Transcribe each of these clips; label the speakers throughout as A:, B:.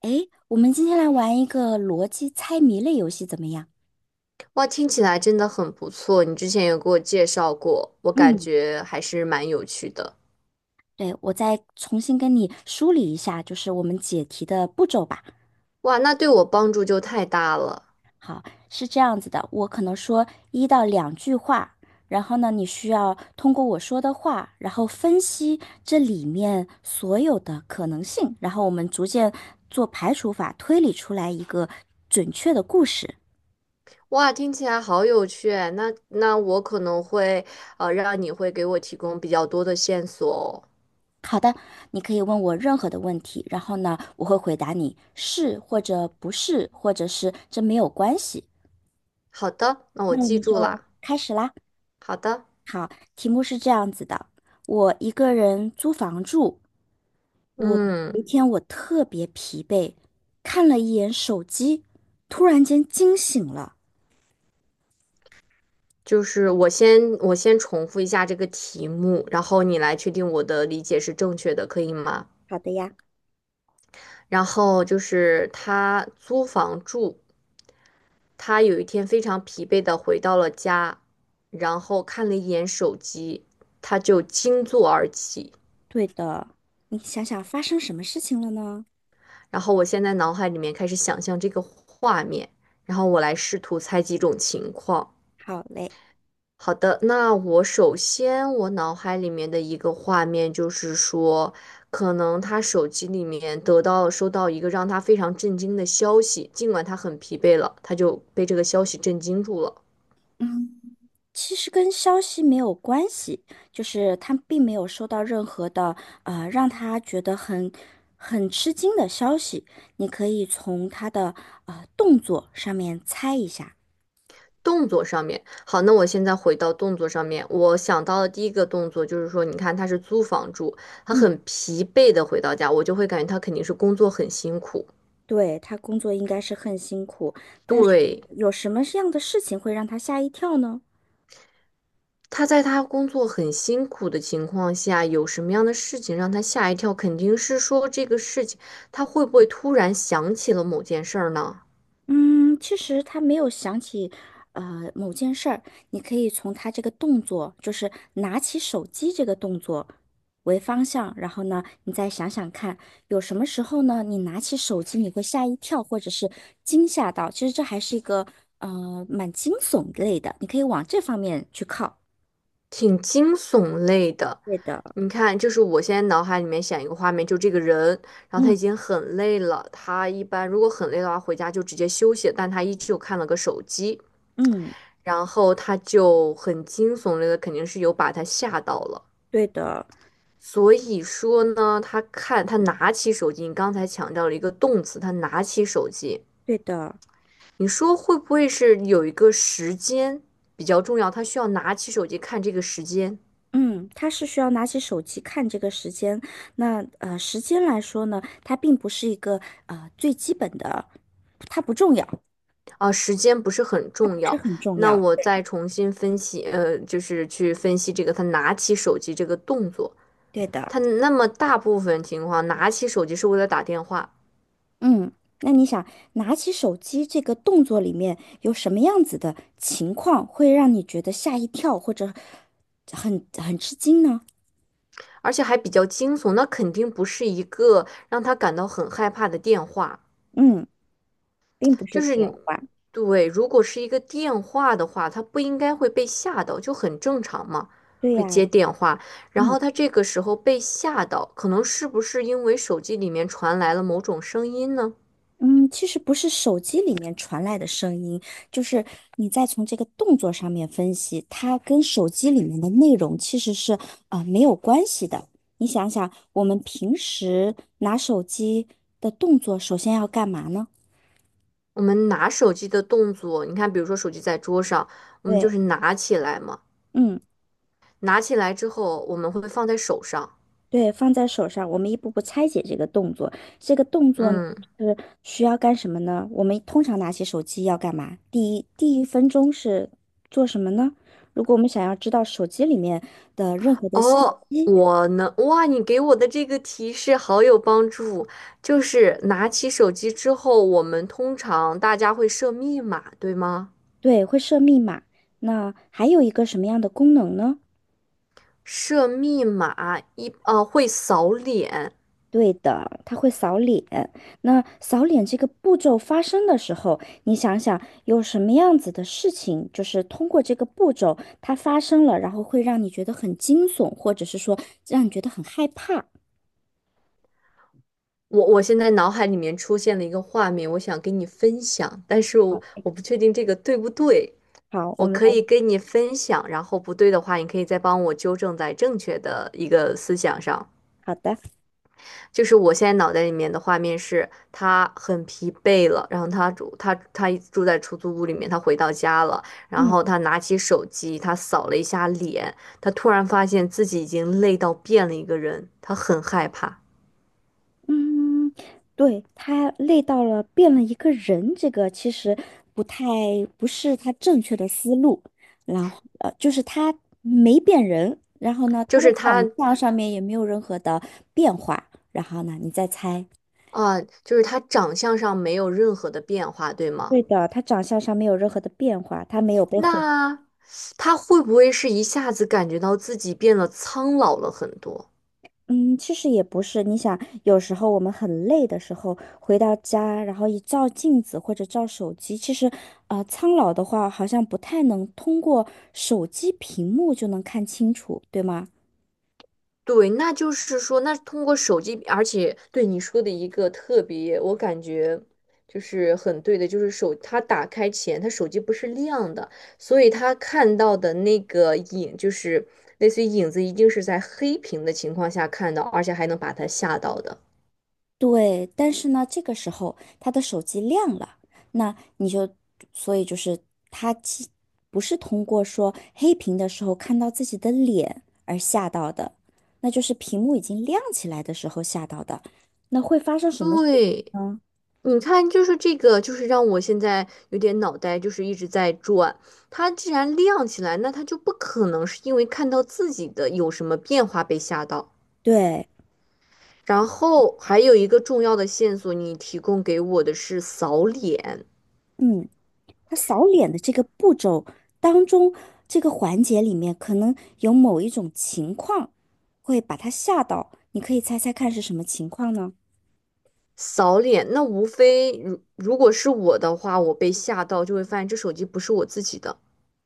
A: 诶，我们今天来玩一个逻辑猜谜类游戏，怎么样？
B: 哇，听起来真的很不错。你之前有给我介绍过，我感
A: 嗯。
B: 觉还是蛮有趣的。
A: 对，我再重新跟你梳理一下，就是我们解题的步骤吧。
B: 哇，那对我帮助就太大了。
A: 好，是这样子的，我可能说1到2句话，然后呢，你需要通过我说的话，然后分析这里面所有的可能性，然后我们逐渐做排除法，推理出来一个准确的故事。
B: 哇，听起来好有趣哎那那我可能会让你会给我提供比较多的线索哦。
A: 好的，你可以问我任何的问题，然后呢，我会回答你是或者不是，或者是这没有关系。
B: 好的，那我
A: 那我
B: 记
A: 们
B: 住
A: 就
B: 啦。
A: 开始啦。
B: 好的，
A: 好，题目是这样子的：我一个人租房住，我有
B: 嗯，
A: 一天我特别疲惫，看了一眼手机，突然间惊醒了。
B: 就是我先重复一下这个题目，然后你来确定我的理解是正确的，可以吗？
A: 好的呀。
B: 然后就是他租房住。他有一天非常疲惫的回到了家，然后看了一眼手机，他就惊坐而起。
A: 对的，你想想发生什么事情了呢？
B: 然后我现在脑海里面开始想象这个画面，然后我来试图猜几种情况。
A: 好嘞。
B: 好的，那我首先我脑海里面的一个画面就是说，可能他手机里面得到收到一个让他非常震惊的消息，尽管他很疲惫了，他就被这个消息震惊住了。
A: 嗯。其实跟消息没有关系，就是他并没有收到任何的让他觉得很吃惊的消息。你可以从他的动作上面猜一下。
B: 动作上面，好，那我现在回到动作上面，我想到的第一个动作就是说，你看他是租房住，他
A: 嗯。
B: 很疲惫的回到家，我就会感觉他肯定是工作很辛苦。
A: 对，他工作应该是很辛苦，但是
B: 对，
A: 有什么样的事情会让他吓一跳呢？
B: 他在他工作很辛苦的情况下，有什么样的事情让他吓一跳？肯定是说这个事情，他会不会突然想起了某件事儿呢？
A: 嗯，其实他没有想起，某件事儿，你可以从他这个动作，就是拿起手机这个动作为方向，然后呢，你再想想看，有什么时候呢，你拿起手机你会吓一跳，或者是惊吓到，其实这还是一个蛮惊悚类的，你可以往这方面去靠。
B: 挺惊悚类的。
A: 对的。
B: 你看，就是我现在脑海里面想一个画面，就这个人，然后他
A: 嗯，
B: 已经很累了，他一般如果很累的话，回家就直接休息，但他依旧看了个手机，
A: 嗯。
B: 然后他就很惊悚类的，肯定是有把他吓到了。
A: 对的。
B: 所以说呢，他看他拿起手机，你刚才强调了一个动词，他拿起手机，
A: 对的。
B: 你说会不会是有一个时间比较重要，他需要拿起手机看这个时间？
A: 嗯，他是需要拿起手机看这个时间。那时间来说呢，它并不是一个最基本的，它不重要。
B: 啊，时间不是很重要。那我再重新分析，就是去分析这个他拿起手机这个动作。
A: 对的。
B: 他那么大部分情况拿起手机是为了打电话，
A: 嗯。那你想拿起手机这个动作里面有什么样子的情况会让你觉得吓一跳或者很吃惊呢？
B: 而且还比较惊悚，那肯定不是一个让他感到很害怕的电话。
A: 嗯，并不
B: 就
A: 是
B: 是
A: 电
B: 你
A: 话。
B: 对，如果是一个电话的话，他不应该会被吓到，就很正常嘛，
A: 对
B: 会接
A: 呀。
B: 电话。然
A: 嗯。
B: 后他这个时候被吓到，可能是不是因为手机里面传来了某种声音呢？
A: 嗯，其实不是手机里面传来的声音，就是你再从这个动作上面分析，它跟手机里面的内容其实是没有关系的。你想想，我们平时拿手机的动作，首先要干嘛呢？
B: 我们拿手机的动作，你看，比如说手机在桌上，我们就
A: 对。
B: 是拿起来嘛，
A: 嗯。
B: 拿起来之后，我们会放在手上。
A: 对，放在手上，我们一步步拆解这个动作。这个动作呢
B: 嗯，
A: 是需要干什么呢？我们通常拿起手机要干嘛？第一分钟是做什么呢？如果我们想要知道手机里面的任何的信
B: 哦，
A: 息，
B: 我能，哇，你给我的这个提示好有帮助，就是拿起手机之后，我们通常大家会设密码，对吗？
A: 对，会设密码。那还有一个什么样的功能呢？
B: 设密码一，会扫脸。
A: 对的，他会扫脸。那扫脸这个步骤发生的时候，你想想有什么样子的事情，就是通过这个步骤它发生了，然后会让你觉得很惊悚，或者是说让你觉得很害怕。
B: 我现在脑海里面出现了一个画面，我想跟你分享，但是我不确定这个对不对。
A: 好，我
B: 我
A: 们
B: 可
A: 来。
B: 以跟你分享，然后不对的话，你可以再帮我纠正在正确的一个思想上。
A: 好的。
B: 就是我现在脑袋里面的画面是，他很疲惫了，然后他住在出租屋里面，他回到家了，然
A: 嗯。
B: 后他拿起手机，他扫了一下脸，他突然发现自己已经累到变了一个人，他很害怕，
A: 嗯，对，他累到了，变了一个人，这个其实不太不是他正确的思路。然后就是他没变人，然后呢，
B: 就
A: 他的
B: 是他
A: 长相上面也没有任何的变化。然后呢，你再猜。
B: 啊、就是他长相上没有任何的变化，对吗？
A: 对的，他长相上没有任何的变化，他没有被毁。
B: 那他会不会是一下子感觉到自己变得苍老了很多？
A: 嗯，其实也不是。你想，有时候我们很累的时候，回到家，然后一照镜子或者照手机，其实，苍老的话好像不太能通过手机屏幕就能看清楚，对吗？
B: 对，那就是说，那通过手机，而且对你说的一个特别，我感觉就是很对的，就是手，他打开前，他手机不是亮的，所以他看到的那个影，就是类似于影子，一定是在黑屏的情况下看到，而且还能把他吓到的。
A: 对，但是呢，这个时候他的手机亮了，那你就，所以就是他不是通过说黑屏的时候看到自己的脸而吓到的，那就是屏幕已经亮起来的时候吓到的。那会发生什么事
B: 对。
A: 呢？
B: 你看，就是这个，就是让我现在有点脑袋就是一直在转。它既然亮起来，那它就不可能是因为看到自己的有什么变化被吓到。
A: 对，
B: 然后还有一个重要的线索，你提供给我的是扫脸，
A: 嗯，他扫脸的这个步骤当中，这个环节里面可能有某一种情况会把他吓到，你可以猜猜看是什么情况呢？
B: 扫脸。那无非如果是我的话，我被吓到就会发现这手机不是我自己的，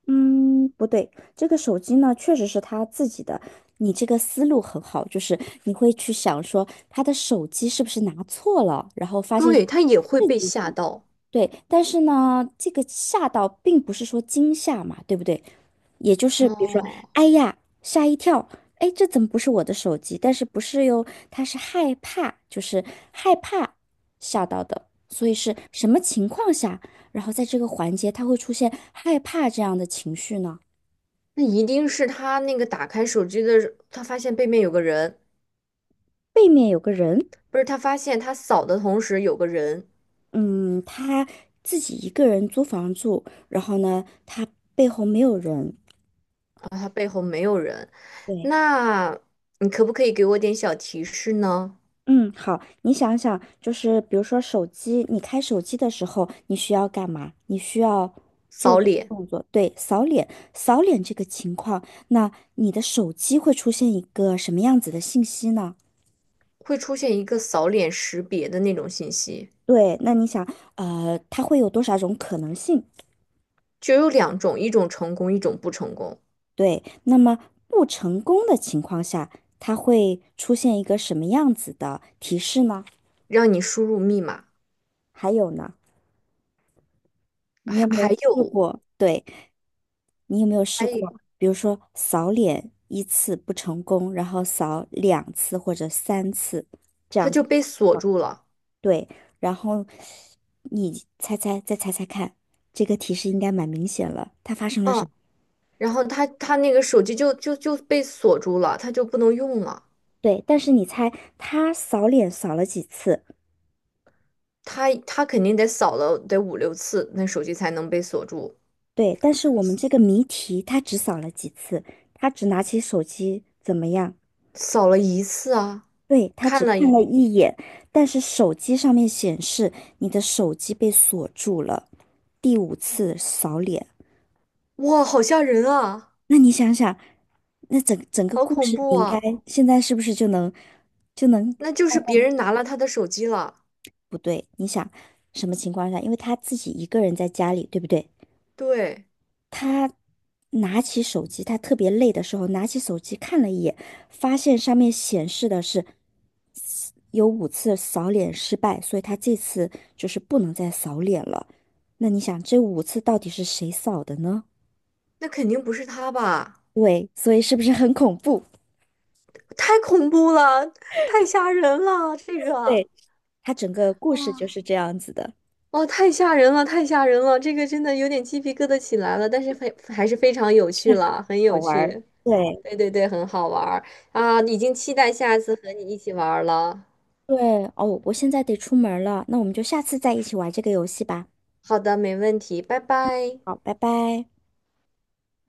A: 嗯，不对，这个手机呢确实是他自己的。你这个思路很好，就是你会去想说他的手机是不是拿错了，然后发现是
B: 对，它也会
A: 自
B: 被
A: 己。
B: 吓到。
A: 对，但是呢，这个吓到并不是说惊吓嘛，对不对？也就是比如说，
B: 哦，
A: 哎呀，吓一跳，哎，这怎么不是我的手机？但是不是哟，他是害怕，就是害怕吓到的，所以是什么情况下，然后在这个环节他会出现害怕这样的情绪呢？
B: 那一定是他那个打开手机的，他发现背面有个人。
A: 背面有个人，
B: 不是他发现他扫的同时有个人
A: 嗯，他自己一个人租房住，然后呢，他背后没有人。
B: 啊，他背后没有人，
A: 对。
B: 那你可不可以给我点小提示呢？
A: 嗯，好，你想想，就是比如说手机，你开手机的时候，你需要干嘛？你需要做
B: 扫
A: 这个
B: 脸
A: 动作，对，扫脸，扫脸这个情况，那你的手机会出现一个什么样子的信息呢？
B: 会出现一个扫脸识别的那种信息，
A: 对，那你想，它会有多少种可能性？
B: 就有两种，一种成功，一种不成功，
A: 对，那么不成功的情况下，它会出现一个什么样子的提示呢？
B: 让你输入密码，
A: 还有呢，你
B: 还
A: 有没有
B: 还
A: 试
B: 有
A: 过？对。你有没有试
B: 还有
A: 过，比如说扫脸1次不成功，然后扫2次或者3次，这
B: 他
A: 样
B: 就
A: 子，
B: 被锁住了，
A: 对，然后你猜猜，再猜猜看，这个提示应该蛮明显了，它发生了什
B: 嗯，
A: 么？
B: 然后他那个手机就被锁住了，他就不能用了，
A: 对，但是你猜他扫脸扫了几次？
B: 他肯定得扫了得5 6次，那手机才能被锁住。
A: 对，但是我们这个谜题他只扫了几次，他只拿起手机怎么样？
B: 扫了一次啊，
A: 对，他只
B: 看了
A: 看了
B: 一，
A: 一眼，但是手机上面显示你的手机被锁住了，第5次扫脸。
B: 哇，好吓人啊，
A: 那你想想，那整个
B: 好
A: 故
B: 恐
A: 事，
B: 怖
A: 你应该
B: 啊！
A: 现在是不是就能。
B: 那就是别人拿了他的手机了，
A: 不对？你想什么情况下？因为他自己一个人在家里，对不对？
B: 对，
A: 他拿起手机，他特别累的时候，拿起手机看了一眼，发现上面显示的是有五次扫脸失败，所以他这次就是不能再扫脸了。那你想，这五次到底是谁扫的呢？
B: 那肯定不是他吧？
A: 对，所以是不是很恐怖？
B: 太恐怖了，太吓人了，这个，
A: 对，他整个故事
B: 哇，
A: 就是这样子的，
B: 哇，太吓人了，太吓人了，这个真的有点鸡皮疙瘩起来了，但是非还是非常有
A: 这
B: 趣
A: 样
B: 了，很
A: 好
B: 有
A: 玩儿。
B: 趣，
A: 对
B: 对对对，很好玩儿啊，已经期待下次和你一起玩儿了。
A: 对，哦，我现在得出门了，那我们就下次再一起玩这个游戏吧。
B: 好的，没问题，拜拜。
A: 好，拜拜。